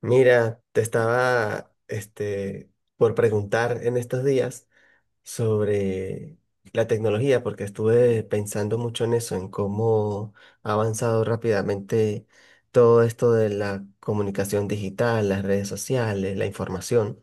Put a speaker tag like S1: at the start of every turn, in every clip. S1: Mira, te estaba por preguntar en estos días sobre la tecnología, porque estuve pensando mucho en eso, en cómo ha avanzado rápidamente todo esto de la comunicación digital, las redes sociales, la información.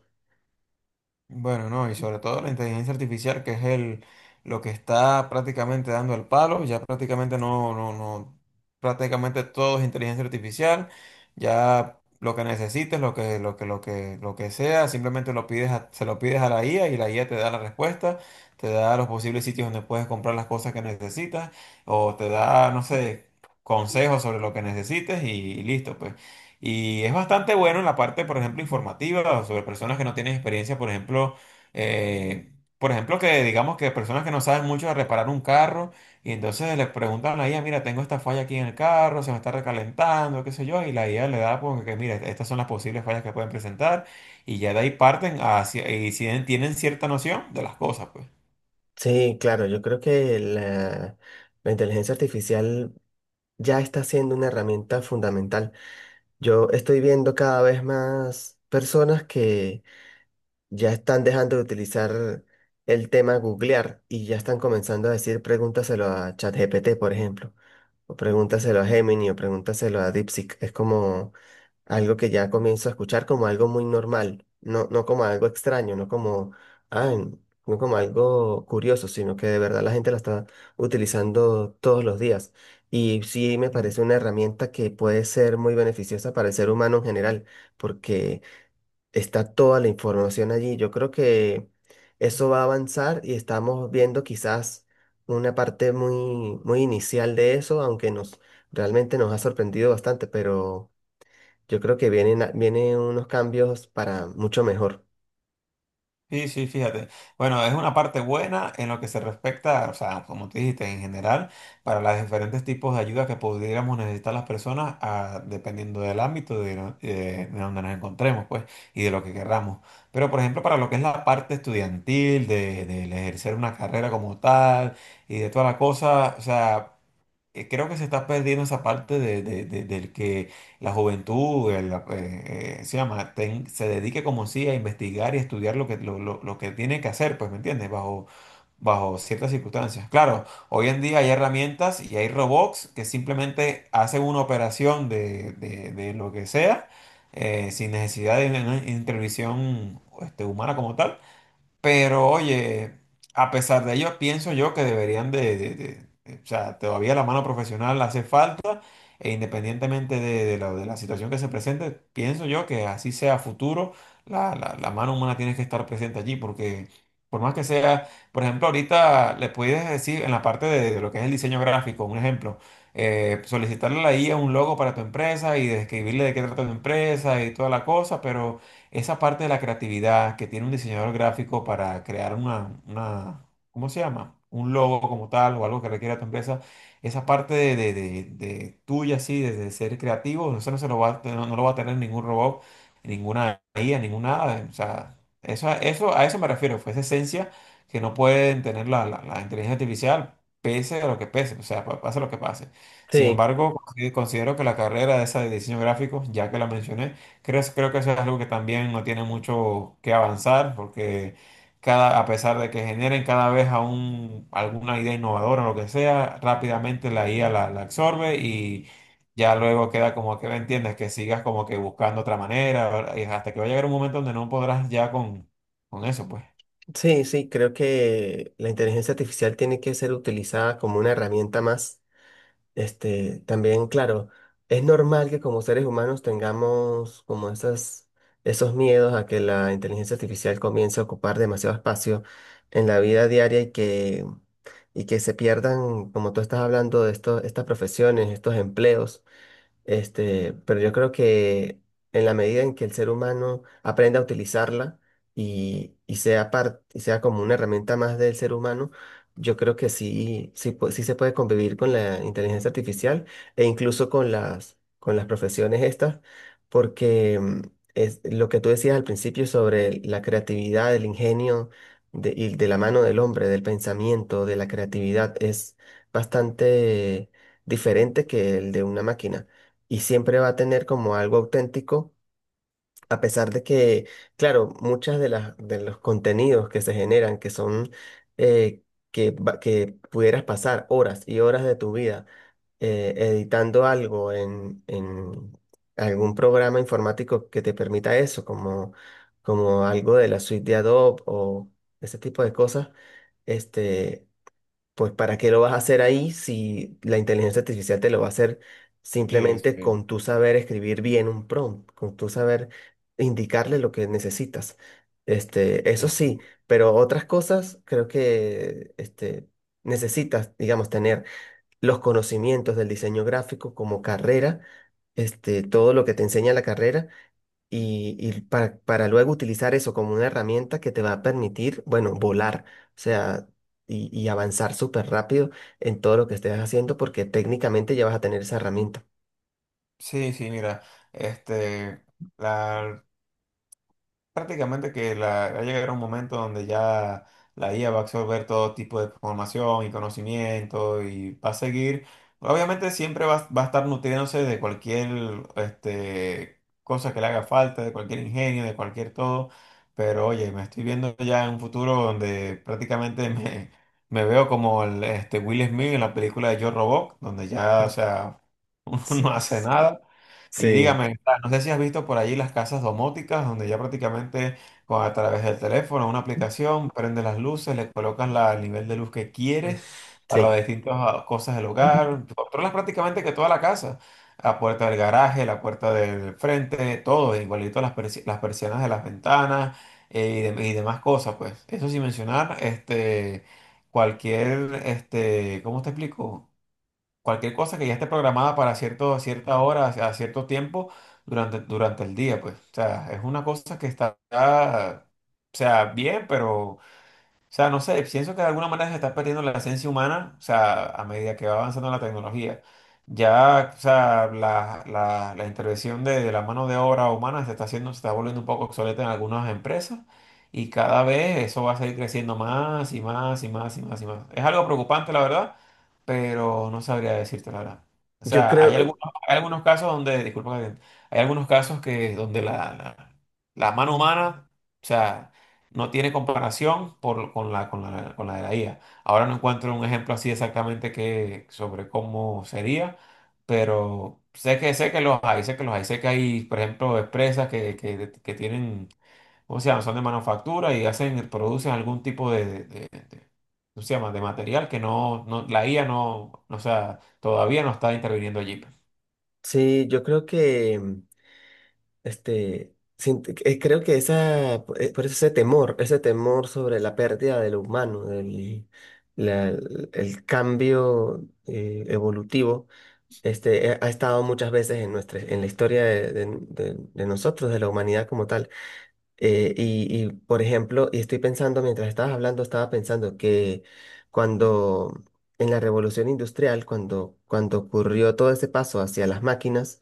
S2: Bueno, no, y sobre todo la inteligencia artificial, lo que está prácticamente dando el palo. Ya prácticamente no, prácticamente todo es inteligencia artificial. Ya lo que necesites, lo que sea, simplemente se lo pides a la IA y la IA te da la respuesta, te da los posibles sitios donde puedes comprar las cosas que necesitas, o te da, no sé, consejos sobre lo que necesites y, listo, pues. Y es bastante bueno en la parte, por ejemplo, informativa sobre personas que no tienen experiencia, eh, por ejemplo, que digamos que personas que no saben mucho de reparar un carro y entonces les preguntan a la IA, mira, tengo esta falla aquí en el carro, se me está recalentando, qué sé yo, y la IA le da, pues, que mira, estas son las posibles fallas que pueden presentar y ya de ahí parten hacia, y si tienen cierta noción de las cosas, pues.
S1: Sí, claro, yo creo que la inteligencia artificial ya está siendo una herramienta fundamental. Yo estoy viendo cada vez más personas que ya están dejando de utilizar el tema googlear y ya están comenzando a decir pregúntaselo a ChatGPT, por ejemplo, o pregúntaselo a Gemini o pregúntaselo a DeepSeek. Es como algo que ya comienzo a escuchar como algo muy normal, no, no como algo extraño, no como, ah, no como algo curioso, sino que de verdad la gente la está utilizando todos los días. Y sí me parece una herramienta que puede ser muy beneficiosa para el ser humano en general, porque está toda la información allí. Yo creo que eso va a avanzar y estamos viendo quizás una parte muy, muy inicial de eso, aunque nos realmente nos ha sorprendido bastante, pero yo creo que vienen, vienen unos cambios para mucho mejor.
S2: Sí, sí, fíjate. Bueno, es una parte buena en lo que se respecta, o sea, como te dijiste, en general, para los diferentes tipos de ayuda que pudiéramos necesitar las personas, ah, dependiendo del ámbito de, no- de donde nos encontremos, pues, y de lo que querramos. Pero, por ejemplo, para lo que es la parte estudiantil, del ejercer una carrera como tal, y de toda la cosa, o sea creo que se está perdiendo esa parte del que la juventud la se dedique como sí a investigar y estudiar lo que tiene que hacer, pues, ¿me entiendes? Bajo ciertas circunstancias. Claro, hoy en día hay herramientas y hay robots que simplemente hacen una operación de lo que sea, sin necesidad de una intervención, este, humana como tal. Pero oye, a pesar de ello, pienso yo que deberían de- o sea, todavía la mano profesional hace falta e independientemente de la situación que se presente. Pienso yo que así sea a futuro, la mano humana tiene que estar presente allí, porque por más que sea, por ejemplo, ahorita le puedes decir en la parte de lo que es el diseño gráfico, un ejemplo, solicitarle a la IA un logo para tu empresa y describirle de qué trata tu empresa y toda la cosa, pero esa parte de la creatividad que tiene un diseñador gráfico para crear una, ¿cómo se llama?, un logo como tal o algo que requiera tu empresa, esa parte de tuya, así, de ser creativo. Eso no se lo va a, no lo va a tener ningún robot, ninguna IA, ninguna nada. O sea, a eso me refiero, fue esa esencia que no pueden tener la inteligencia artificial, pese a lo que pese, o sea, pase lo que pase. Sin
S1: Sí,
S2: embargo, considero que la carrera de esa de diseño gráfico, ya que la mencioné, creo que eso es algo que también no tiene mucho que avanzar, porque cada, a pesar de que generen cada vez alguna idea innovadora o lo que sea, rápidamente la IA la absorbe y ya luego queda como que, ¿me entiendes?, que sigas como que buscando otra manera, ¿verdad?, y hasta que va a llegar un momento donde no podrás ya con eso, pues.
S1: sí, sí, creo que la inteligencia artificial tiene que ser utilizada como una herramienta más. Este, también, claro, es normal que como seres humanos tengamos como esos miedos a que la inteligencia artificial comience a ocupar demasiado espacio en la vida diaria y y que se pierdan, como tú estás hablando, de estas profesiones, estos empleos. Este, pero yo creo que en la medida en que el ser humano aprenda a utilizarla y sea y sea como una herramienta más del ser humano, yo creo que sí, sí, sí se puede convivir con la inteligencia artificial e incluso con con las profesiones estas, porque es lo que tú decías al principio sobre la creatividad, el ingenio de, y de la mano del hombre, del pensamiento, de la creatividad, es bastante diferente que el de una máquina y siempre va a tener como algo auténtico, a pesar de que, claro, muchas de las de los contenidos que se generan, que son eh, que pudieras pasar horas y horas de tu vida editando algo en algún programa informático que te permita eso, como, como algo de la suite de Adobe o ese tipo de cosas. Este, pues ¿para qué lo vas a hacer ahí si la inteligencia artificial te lo va a hacer
S2: Sí.
S1: simplemente con tu saber escribir bien un prompt, con tu saber indicarle lo que necesitas? Este,
S2: Sí.
S1: eso sí, pero otras cosas creo que este, necesitas, digamos, tener los conocimientos del diseño gráfico como carrera, este, todo lo que te enseña la carrera y para luego utilizar eso como una herramienta que te va a permitir, bueno, volar, o sea, y avanzar súper rápido en todo lo que estés haciendo porque técnicamente ya vas a tener esa herramienta.
S2: Sí, Mira, este, la, prácticamente va a llegar un momento donde ya la IA va a absorber todo tipo de información y conocimiento y va a seguir, obviamente siempre va a estar nutriéndose de cualquier, este, cosa que le haga falta, de cualquier ingenio, de cualquier todo. Pero oye, me estoy viendo ya en un futuro donde prácticamente me veo como el, este, Will Smith en la película de Yo Robot, donde ya, o
S1: Mm.
S2: sea, uno
S1: Sí,
S2: no hace nada. Y
S1: sí,
S2: dígame, no sé si has visto por allí las casas domóticas, donde ya prácticamente a través del teléfono, una
S1: mm,
S2: aplicación, prende las luces, le colocas el nivel de luz que quieres para las
S1: sí.
S2: distintas, ah, cosas del hogar, controlas prácticamente que toda la casa, la puerta del garaje, la puerta del frente, todo, igualito las persianas de las ventanas y demás cosas, pues. Eso sin mencionar, este, cualquier, este, ¿cómo te explico?, cualquier cosa que ya esté programada para cierto, a cierta hora, a cierto tiempo durante el día, pues. O sea, es una cosa que está, o sea, bien, pero o sea, no sé, pienso que de alguna manera se está perdiendo la esencia humana, o sea, a medida que va avanzando la tecnología. Ya, o sea, la intervención de la mano de obra humana se está haciendo, se está volviendo un poco obsoleta en algunas empresas y cada vez eso va a seguir creciendo más y más y más y más y más. Es algo preocupante, la verdad, pero no sabría decirte la verdad. O
S1: Yo
S2: sea,
S1: creo,
S2: hay algunos casos donde, disculpa, Gabriel, hay algunos casos que donde la mano humana, o sea, no tiene comparación con con la de la IA. Ahora no encuentro un ejemplo así exactamente que, sobre cómo sería, pero sé que los hay, sé que los hay. Sé que hay, por ejemplo, empresas que tienen, ¿cómo se llama?, son de manufactura y hacen, producen algún tipo ¿cómo se llama?, de material que no, la IA no, o sea, todavía no está interviniendo allí.
S1: sí, yo creo este, creo que por eso ese temor sobre la pérdida del humano, la- el cambio evolutivo. Este, ha estado muchas veces en nuestra, en la historia de, de nosotros, de la humanidad como tal. Y, por ejemplo, y estoy pensando, mientras estabas hablando, estaba pensando que cuando en la revolución industrial, cuando ocurrió todo ese paso hacia las máquinas,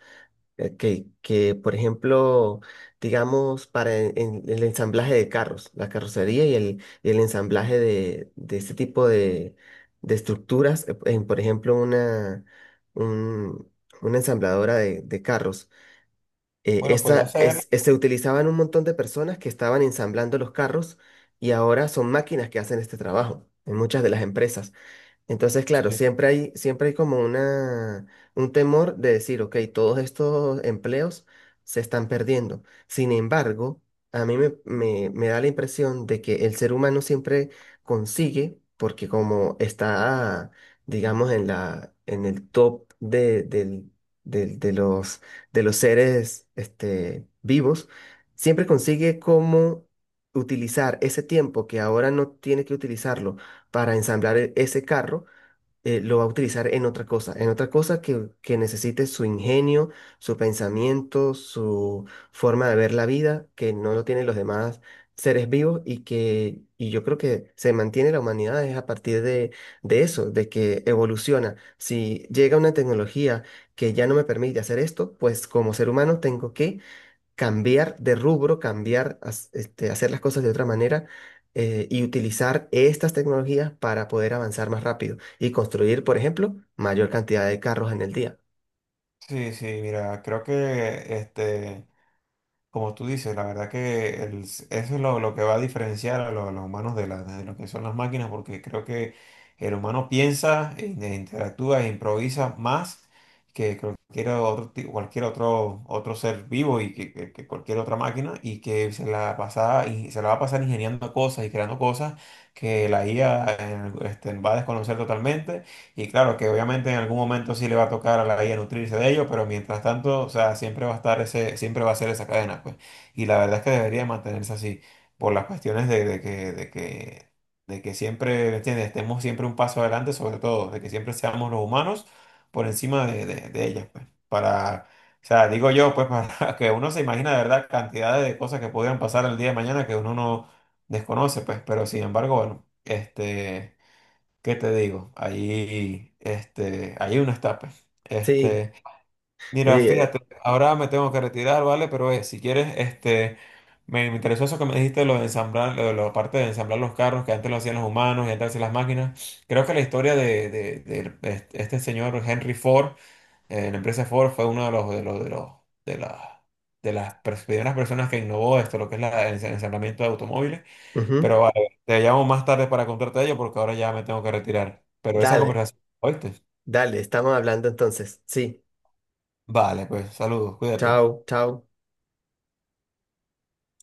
S1: Que, por ejemplo, digamos, para en el ensamblaje de carros, la carrocería y y el ensamblaje de este tipo de estructuras, en, por ejemplo, un- una ensambladora de carros. Eh,
S2: Bueno, podría ser.
S1: se utilizaban un montón de personas que estaban ensamblando los carros y ahora son máquinas que hacen este trabajo en muchas de las empresas. Entonces, claro,
S2: Sí.
S1: siempre hay como un temor de decir, ok, todos estos empleos se están perdiendo. Sin embargo, a mí me da la impresión de que el ser humano siempre consigue, porque como está, digamos, en en el top de de los seres este, vivos, siempre consigue cómo utilizar ese tiempo que ahora no tiene que utilizarlo para ensamblar ese carro, lo va a utilizar en otra cosa que necesite su ingenio, su pensamiento, su forma de ver la vida, que no lo tienen los demás seres vivos y yo creo que se mantiene la humanidad es a partir de eso, de que evoluciona. Si llega una tecnología que ya no me permite hacer esto, pues como ser humano tengo que cambiar de rubro, hacer las cosas de otra manera, y utilizar estas tecnologías para poder avanzar más rápido y construir, por ejemplo, mayor cantidad de carros en el día.
S2: Sí, sí, mira, creo que este... Como tú dices, la verdad que eso es lo que va a diferenciar a, a los humanos de, de lo que son las máquinas, porque creo que el humano piensa, e interactúa e improvisa más que cualquier otro, cualquier otro, otro ser vivo y que cualquier otra máquina, y que se la pasa, y se la va a pasar ingeniando cosas y creando cosas que la IA, este, va a desconocer totalmente. Y claro, que obviamente en algún momento sí le va a tocar a la IA nutrirse de ello, pero mientras tanto, o sea, siempre va a estar ese, siempre va a ser esa cadena, pues. Y la verdad es que debería mantenerse así, por las cuestiones de que siempre, ¿me entiendes?, estemos siempre un paso adelante, sobre todo, de que siempre seamos los humanos por encima de ellas, pues. Para, o sea, digo yo, pues, para que uno se imagina de verdad cantidades de cosas que podrían pasar el día de mañana que uno no desconoce, pues. Pero sin embargo, bueno, este. ¿Qué te digo? Ahí, este, hay unos tapes.
S1: Sí,
S2: Este, mira,
S1: eh,
S2: fíjate, ahora me tengo que retirar, ¿vale? Pero, si quieres, este, me interesó eso que me dijiste, lo de ensamblar, lo de la parte de ensamblar los carros, que antes lo hacían los humanos y antes lo hacían las máquinas. Creo que la historia de este este señor Henry Ford, la empresa Ford, fue uno de los, de las, de las primeras personas que innovó esto, lo que es el ensamblamiento de automóviles.
S1: ujú.
S2: Pero vale, te llamo más tarde para contarte ello porque ahora ya me tengo que retirar. Pero esa
S1: Dale,
S2: conversación, ¿oíste?
S1: dale, estamos hablando entonces. Sí,
S2: Vale, pues saludos, cuídate.
S1: chao, chao.